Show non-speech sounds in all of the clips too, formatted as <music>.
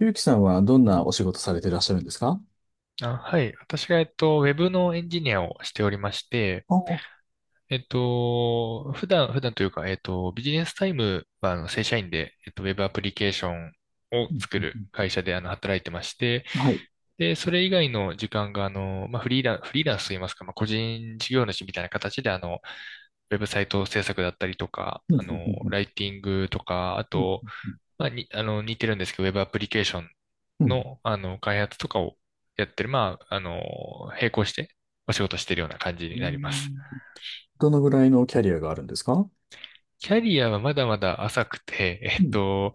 ゆうきさんはどんなお仕事されていらっしゃるんですか？あ、はい。私が、ウェブのエンジニアをしておりまして、ああ、普段というか、ビジネスタイムは、正社員で、ウェブアプリケーションをうん作うんうるん。会社で、働いてまして、はい。で、それ以外の時間が、まあ、フリーランスといいますか、まあ、個人事業主みたいな形で、ウェブサイト制作だったりとか、うんうんうん。ライティングとか、あうん。と、まあ、に、あの、似てるんですけど、ウェブアプリケーションうんの、開発とかをやってる、まあ、並行してお仕事してるような感じうになります。ん。どのぐらいのキャリアがあるんですか？キャリアはまだまだ浅くて、<laughs> うんと、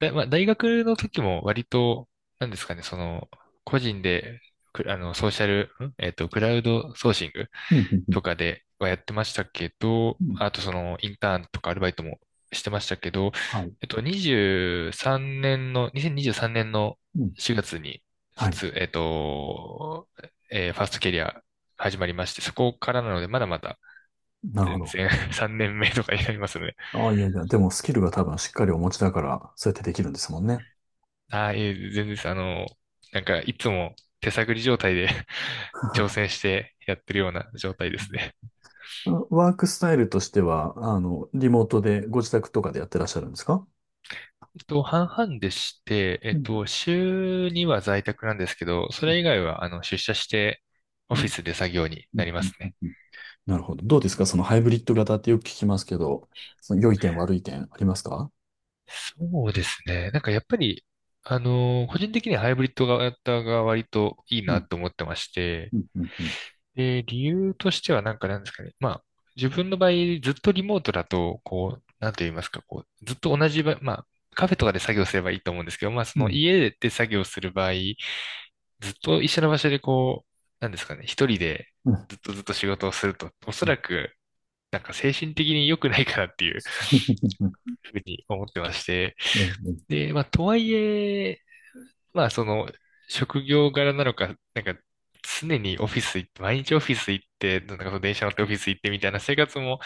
だ、まあ、大学の時も割と、なんですかね、個人で、くあの、ソーシャル、んえっと、クラウドソーシングうんうん。うん。とかではやってましたけど、うん。あとインターンとかアルバイトもしてましたけど、はい。えっと、23年の、2023年のうん。4月に、はい。卒、えっと、えーファーストキャリア始まりまして、そこからなので、まだまだなるほ全ど。然 <laughs> 3年目とかになりますね。ああ、いやいや、でもスキルが多分しっかりお持ちだから、そうやってできるんですもんね。ああ、いえ、全然です。なんか、いつも手探り状態で <laughs> 挑戦 <laughs> してやってるような状態でうすん。ね。ワークスタイルとしては、リモートでご自宅とかでやってらっしゃるんですか？半々でして、うん。週には在宅なんですけど、それ以外は、出社して、オうフィん。スで作業にうなん。りまうすね。ん。なるほど。どうですかそのハイブリッド型ってよく聞きますけど、その良い点悪い点ありますか？そうですね。なんか、やっぱり、個人的にはハイブリッド型が割といいうなん、と思ってまして、うん、うん、うん。で、理由としてはなんかなんですかね。まあ、自分の場合、ずっとリモートだと、こう、なんと言いますか、こう、ずっと同じ場、まあ、カフェとかで作業すればいいと思うんですけど、まあ、そうのん、家で作業する場合、ずっと一緒の場所でこう、なんですかね、一人でうん、うん。ずっとずっと仕事をすると、おそらく、なんか精神的に良くないかなっていう <laughs> ふうに思ってまして、うん、うん。で、まあ、とはいえ、まあ、職業柄なのか、なんか、常にオフィス行って、毎日オフィス行って、なんかその電車乗ってオフィス行ってみたいな生活も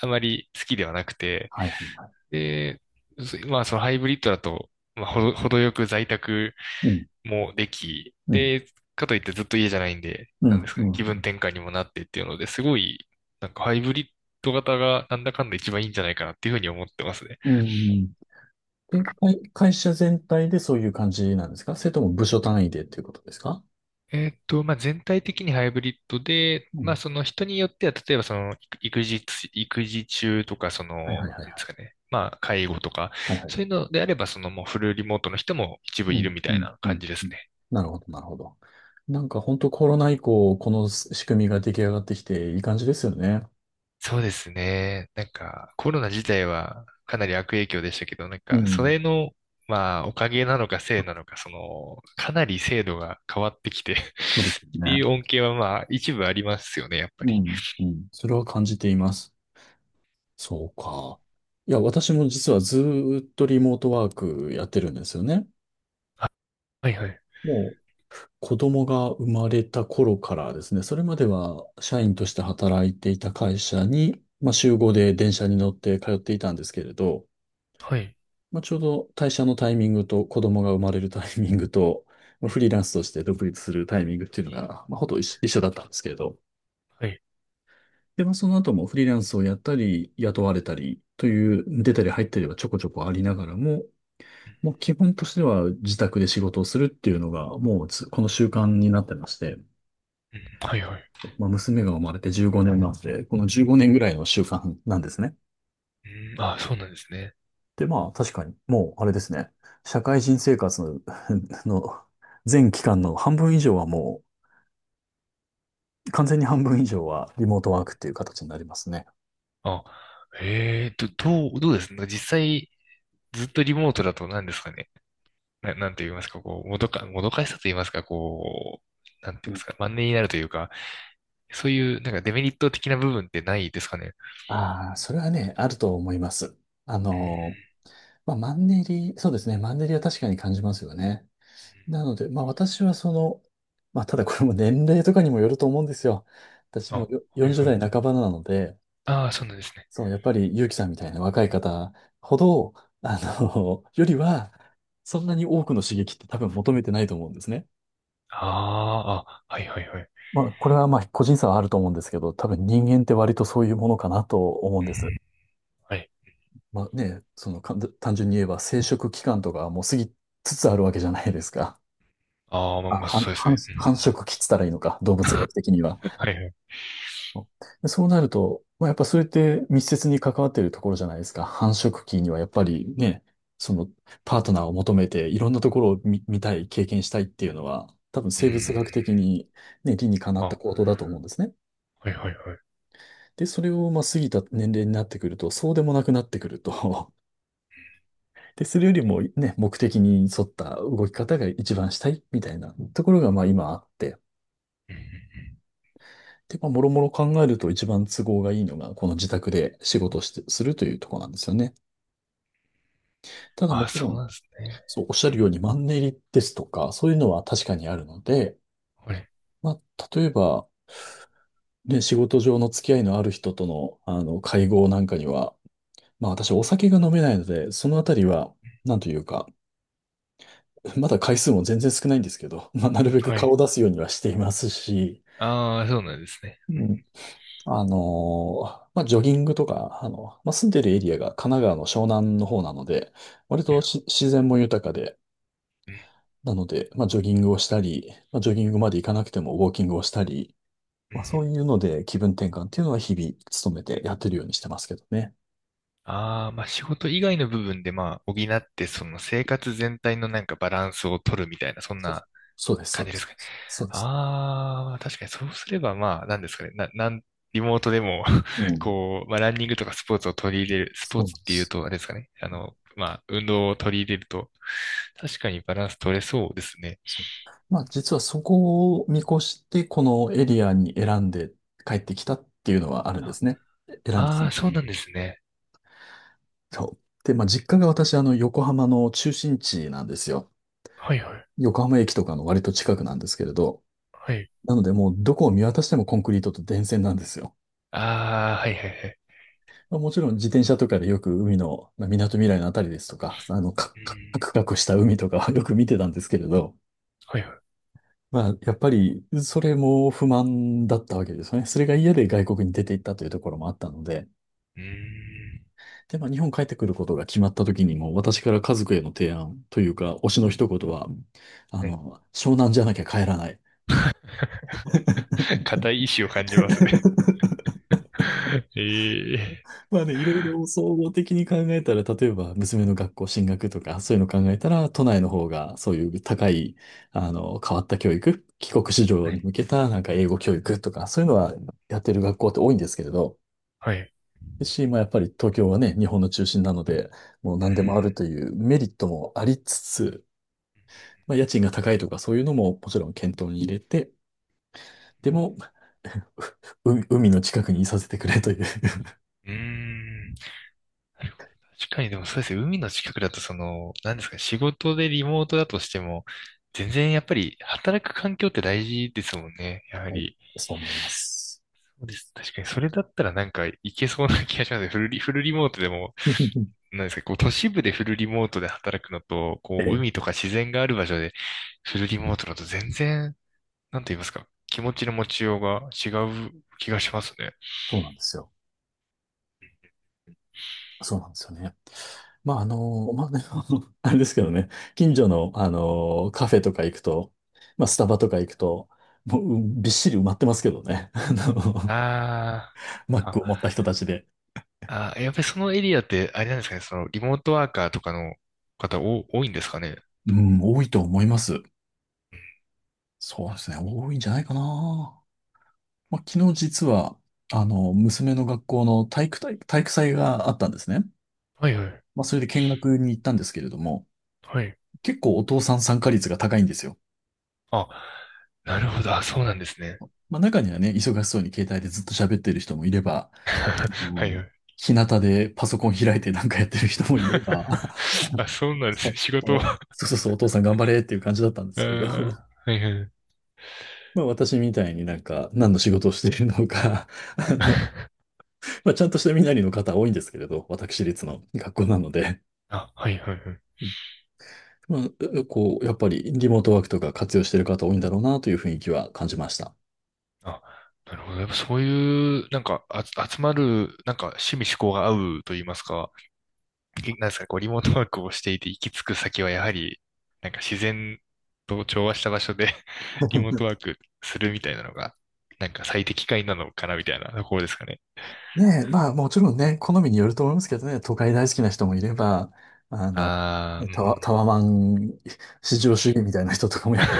あまり好きではなくて、はい、はい。で、まあ、そのハイブリッドだと、まあ、程よく在宅うん、もでき、うん、で、かといってずっと家じゃないんで、うなんでん、すうかね、気分ん。転換にもなってっていうので、すごい、なんかハイブリッド型がなんだかんだ一番いいんじゃないかなっていうふうに思ってますね。うんうん。で、会、会社全体でそういう感じなんですか、それとも部署単位でっていうことですか？まあ、全体的にハイブリッドで、うまあ、ん。その人によっては、例えばその育児中とか、はい、はい、はい、なんではい。すかね、まあ、介護とか、はい、はい。そういうのであれば、そのもうフルリモートの人も一部ういるん、みうたいん、なう感ん。じでうすん。ね。なるほど、なるほど。なんか本当コロナ以降、この仕組みが出来上がってきていい感じですよね。そうですね。なんか、コロナ自体はかなり悪影響でしたけど、なんうか、そん。れの、まあ、おかげなのかせいなのか、かなり制度が変わってきて <laughs> っそうですていね。う恩恵は、まあ、一部ありますよね、やっぱうり。ん、うん。それは感じています。そうか。いや、私も実はずーっとリモートワークやってるんですよね。はいはい。もう子供が生まれた頃からですね、それまでは社員として働いていた会社に、まあ、週5で電車に乗って通っていたんですけれど、はい。まあ、ちょうど退社のタイミングと子供が生まれるタイミングと、まあフリーランスとして独立するタイミングっていうのが、まあ、ほとんど一緒だったんですけれど、はい。で、まあ、その後もフリーランスをやったり、雇われたりという、出たり入ったりはちょこちょこありながらも、もう基本としては自宅で仕事をするっていうのが、もうつこの習慣になってまして、うんはいはい。まあ、娘が生まれて15年なんで、この15年ぐらいの習慣なんですね。うん、あ、そうなんですね。で、まあ、確かに、もう、あれですね、社会人生活の、<laughs> の全期間の半分以上はもう、完全に半分以上はリモートワークっていう形になりますね。あ、どうですね。実際、ずっとリモートだと何ですかね。なんて言いますか、こう、もどかしさと言いますか、こう、なんて言いますか、マンネリになるというか、そういう、なんかデメリット的な部分ってないですかね。ああ、それはね、あると思います。あうん。の、まあ、マンネリ、そうですね。マンネリは確かに感じますよね。なので、まあ私はその、まあただこれも年齢とかにもよると思うんですよ。私あ、もよはい40は代い。半ばなので、ああ、そうなんですね。そう、やっぱり結城さんみたいな若い方ほど、<laughs> よりは、そんなに多くの刺激って多分求めてないと思うんですね。ああ、あ、はいはいはい。まあこれはまあ個人差はあると思うんですけど、多分人間って割とそういうものかなと思うんです。うんはい。まあね、そのかん単純に言えば生殖期間とかはもう過ぎつつあるわけじゃないですか。ああ、まああ、まあ、繁、そうです繁ね。繁殖期っつったらいいのか、動物学的には。うんはいはい。でそうなると、まあ、やっぱそれって密接に関わっているところじゃないですか。繁殖期にはやっぱりね、そのパートナーを求めていろんなところを見、見たい、経験したいっていうのは、多分う生物ん。学的にね、理にかなっあ、たは行動だと思うんですね。いはいはい。で、それをまあ過ぎた年齢になってくると、そうでもなくなってくると。 <laughs> で、それよりもね、目的に沿った動き方が一番したいみたいなところがまあ今あって、うんうんうんで、まあ、もろもろ考えると一番都合がいいのが、この自宅で仕事をして、するというところなんですよね。ただあもあ、ちろそうん、なんですね。そう、おっしゃうるようんにマンネリですとか、そういうのは確かにあるので、はい。まあ、例えば、ね、仕事上の付き合いのある人との、会合なんかには、まあ、私お酒が飲めないので、そのあたりは、なんというか、まだ回数も全然少ないんですけど、まあ、なるべくは顔い。を出すようにはしていますし、ああ、そうなんですね。うん、まあ、ジョギングとか、まあ、住んでるエリアが神奈川の湘南の方なので、割いとやし自然も豊かで、うんなので、まあ、ジョギングをしたり、まあ、ジョギングまで行かなくてもウォーキングをしたり、うんまあ、そういうので気分転換っていうのは日々努めてやってるようにしてますけどね。ああ、まあ仕事以外の部分でまあ補って、その生活全体のなんかバランスを取るみたいな、そんそう、なそうです、そ感うじでですす。かね。そうです。ああ、確かにそうすればまあ、なんですかね。な、なん、リモートでも う <laughs> ん。こう、まあランニングとかスポーツを取り入れる、スポーそうなツんっでていうす。と、あれですかね。まあ、運動を取り入れると、確かにバランス取れそうですね。そう。まあ、実はそこを見越して、このエリアに選んで帰ってきたっていうのはあるんですね。選んで、ああー、そうなんですね。そう。で、まあ、実家が私、横浜の中心地なんですよ。はいはい、横浜駅とかの割と近くなんですけれど。はい。なので、もうどこを見渡してもコンクリートと電線なんですよ。ああ、はいはいはい。まあ、もちろん自転車とかでよく海の、まあ、港未来のあたりですとか、カうん、クカクカクした海とかはよく見てたんですけれど、はいはい。まあ、やっぱり、それも不満だったわけですよね。それが嫌で外国に出て行ったというところもあったので、うんで、まあ、日本帰ってくることが決まった時にも、私から家族への提案というか、推しの一言は、はい。湘南じゃなきゃ帰らない。<laughs> 固い意志を感じますね。<laughs> <laughs> ええまあね、いろいろ総合的に考えたら、例えば娘の学校進学とか、そういうの考えたら、都内の方がそういう高い、変わった教育、帰国子女はにい。向けたなんか英語教育とか、そういうのはやってる学校って多いんですけれど、はい。し、まあやっぱり東京はね、日本の中心なので、もう何でもあるというメリットもありつつ、まあ、家賃が高いとかそういうのももちろん検討に入れて、でも、<laughs> う海の近くにいさせてくれという。うん。うーんなるほど。確かにでもそうですね。海の近くだとなんですか、仕事でリモートだとしても、全然やっぱり働く環境って大事ですもんね。やははい。り。そう思います。そうです。確かにそれだったらなんかいけそうな気がしますね。フルリモートでも、<laughs> なんですか、こう都市部でフルリモートで働くのと、こえうえ、海とか自然がある場所でフルリモートだと全然なんて言いますか、気持ちの持ちようが違う気がしますね。そうなんですよ。そうなんですよね。まあ、まあね、あの <laughs> あれですけどね、近所の、カフェとか行くと、まあ、スタバとか行くと、もう、うんびっしり埋まってますけどね。<laughs> あの、あマッークを持ったあ、人たちで。あー、やっぱりそのエリアって、あれなんですかね、そのリモートワーカーとかの方お多いんですかね。うん、多いと思います。そうですね、多いんじゃないかな。まあ、昨日実は、娘の学校の体育大、体育祭があったんですね。はいはい、まあ、それで見学に行ったんですけれども、はい。結構お父さん参加率が高いんですよ。あ、なるほど、あ、そうなんですね。まあ、中にはね、忙しそうに携帯でずっと喋ってる人もいれば、うはいん、はい。日向でパソコン開いてなんかやってる人もいれば、<laughs> あ、<laughs> そうなんですそね。う仕事そは、うそうそう、お父さん頑張れっていう感じだったんでえすけれど、ー、<laughs> はいはい。まあ、私みたいになんか何の仕事をしているのか、<laughs> あの、まあ、ちゃんとした身なりの方多いんですけれど、私立の学校なので。あ、はいはいはい。まあ、うこう、やっぱりリモートワークとか活用してる方多いんだろうなという雰囲気は感じました。あ、なるほど。やっぱそういう、なんか、あ、集まる、なんか、趣味嗜好が合うと言いますか。なんですか、こう、リモートワークをしていて行き着く先はやはり、なんか自然と調和した場所で <laughs> リモートワークするみたいなのが、なんか最適解なのかなみたいなところですかね。ねえ、まあもちろんね、好みによると思いますけどね、都会大好きな人もいれば、あの、あねー、うん。タワ、タワマン至上主義みたいな人とかもやっぱ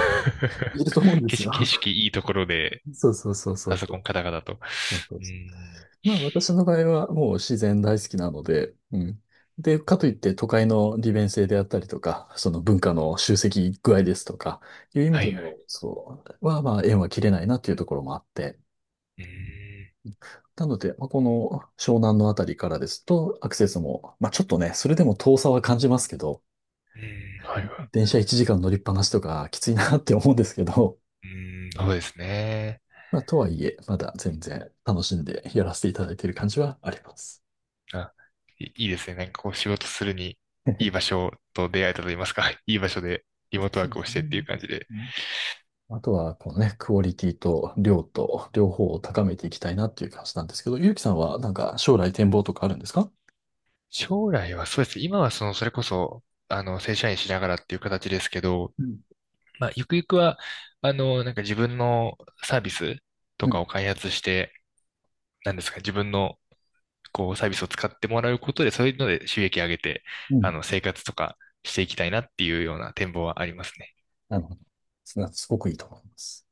い ると思うんですよ。景色いいところで、<laughs> そうそうそうそパうソそコンう。カタカタと。そうそう、うん。まあ私の場合はもう自然大好きなので、うん。で、かといって都会の利便性であったりとか、その文化の集積具合ですとか、いう意味はでいはの、い。そう、はまあ縁は切れないなっていうところもあって、うん。なので、まあ、この湘南のあたりからですと、アクセスも、まあちょっとね、それでも遠さは感じますけど、うん。はいはい。電車1時間乗りっぱなしとかきついなって思うんですけど、うん。そうですね。まあとはいえ、まだ全然楽しんでやらせていただいている感じはあります。あ、いいいですね。なんかこう仕事するに、いい場 <laughs> 所と出会えたと言いますか、<laughs> いい場所でリモートワそーうでクをすしてっね。ていう感じで。あとは、このね、クオリティと量と両方を高めていきたいなっていう感じなんですけど、ゆうきさんはなんか将来展望とかあるんですか？将来はそうです。今はそれこそ、正社員しながらっていう形ですけど、うん、まあ、ゆくゆくは、なんか自分のサービスとうん、かを開発して、なんですか、自分の、こう、サービスを使ってもらうことで、そういうので収益上げて、うん。生活とかしていきたいなっていうような展望はありますね。なるほど。すなすごくいいと思います。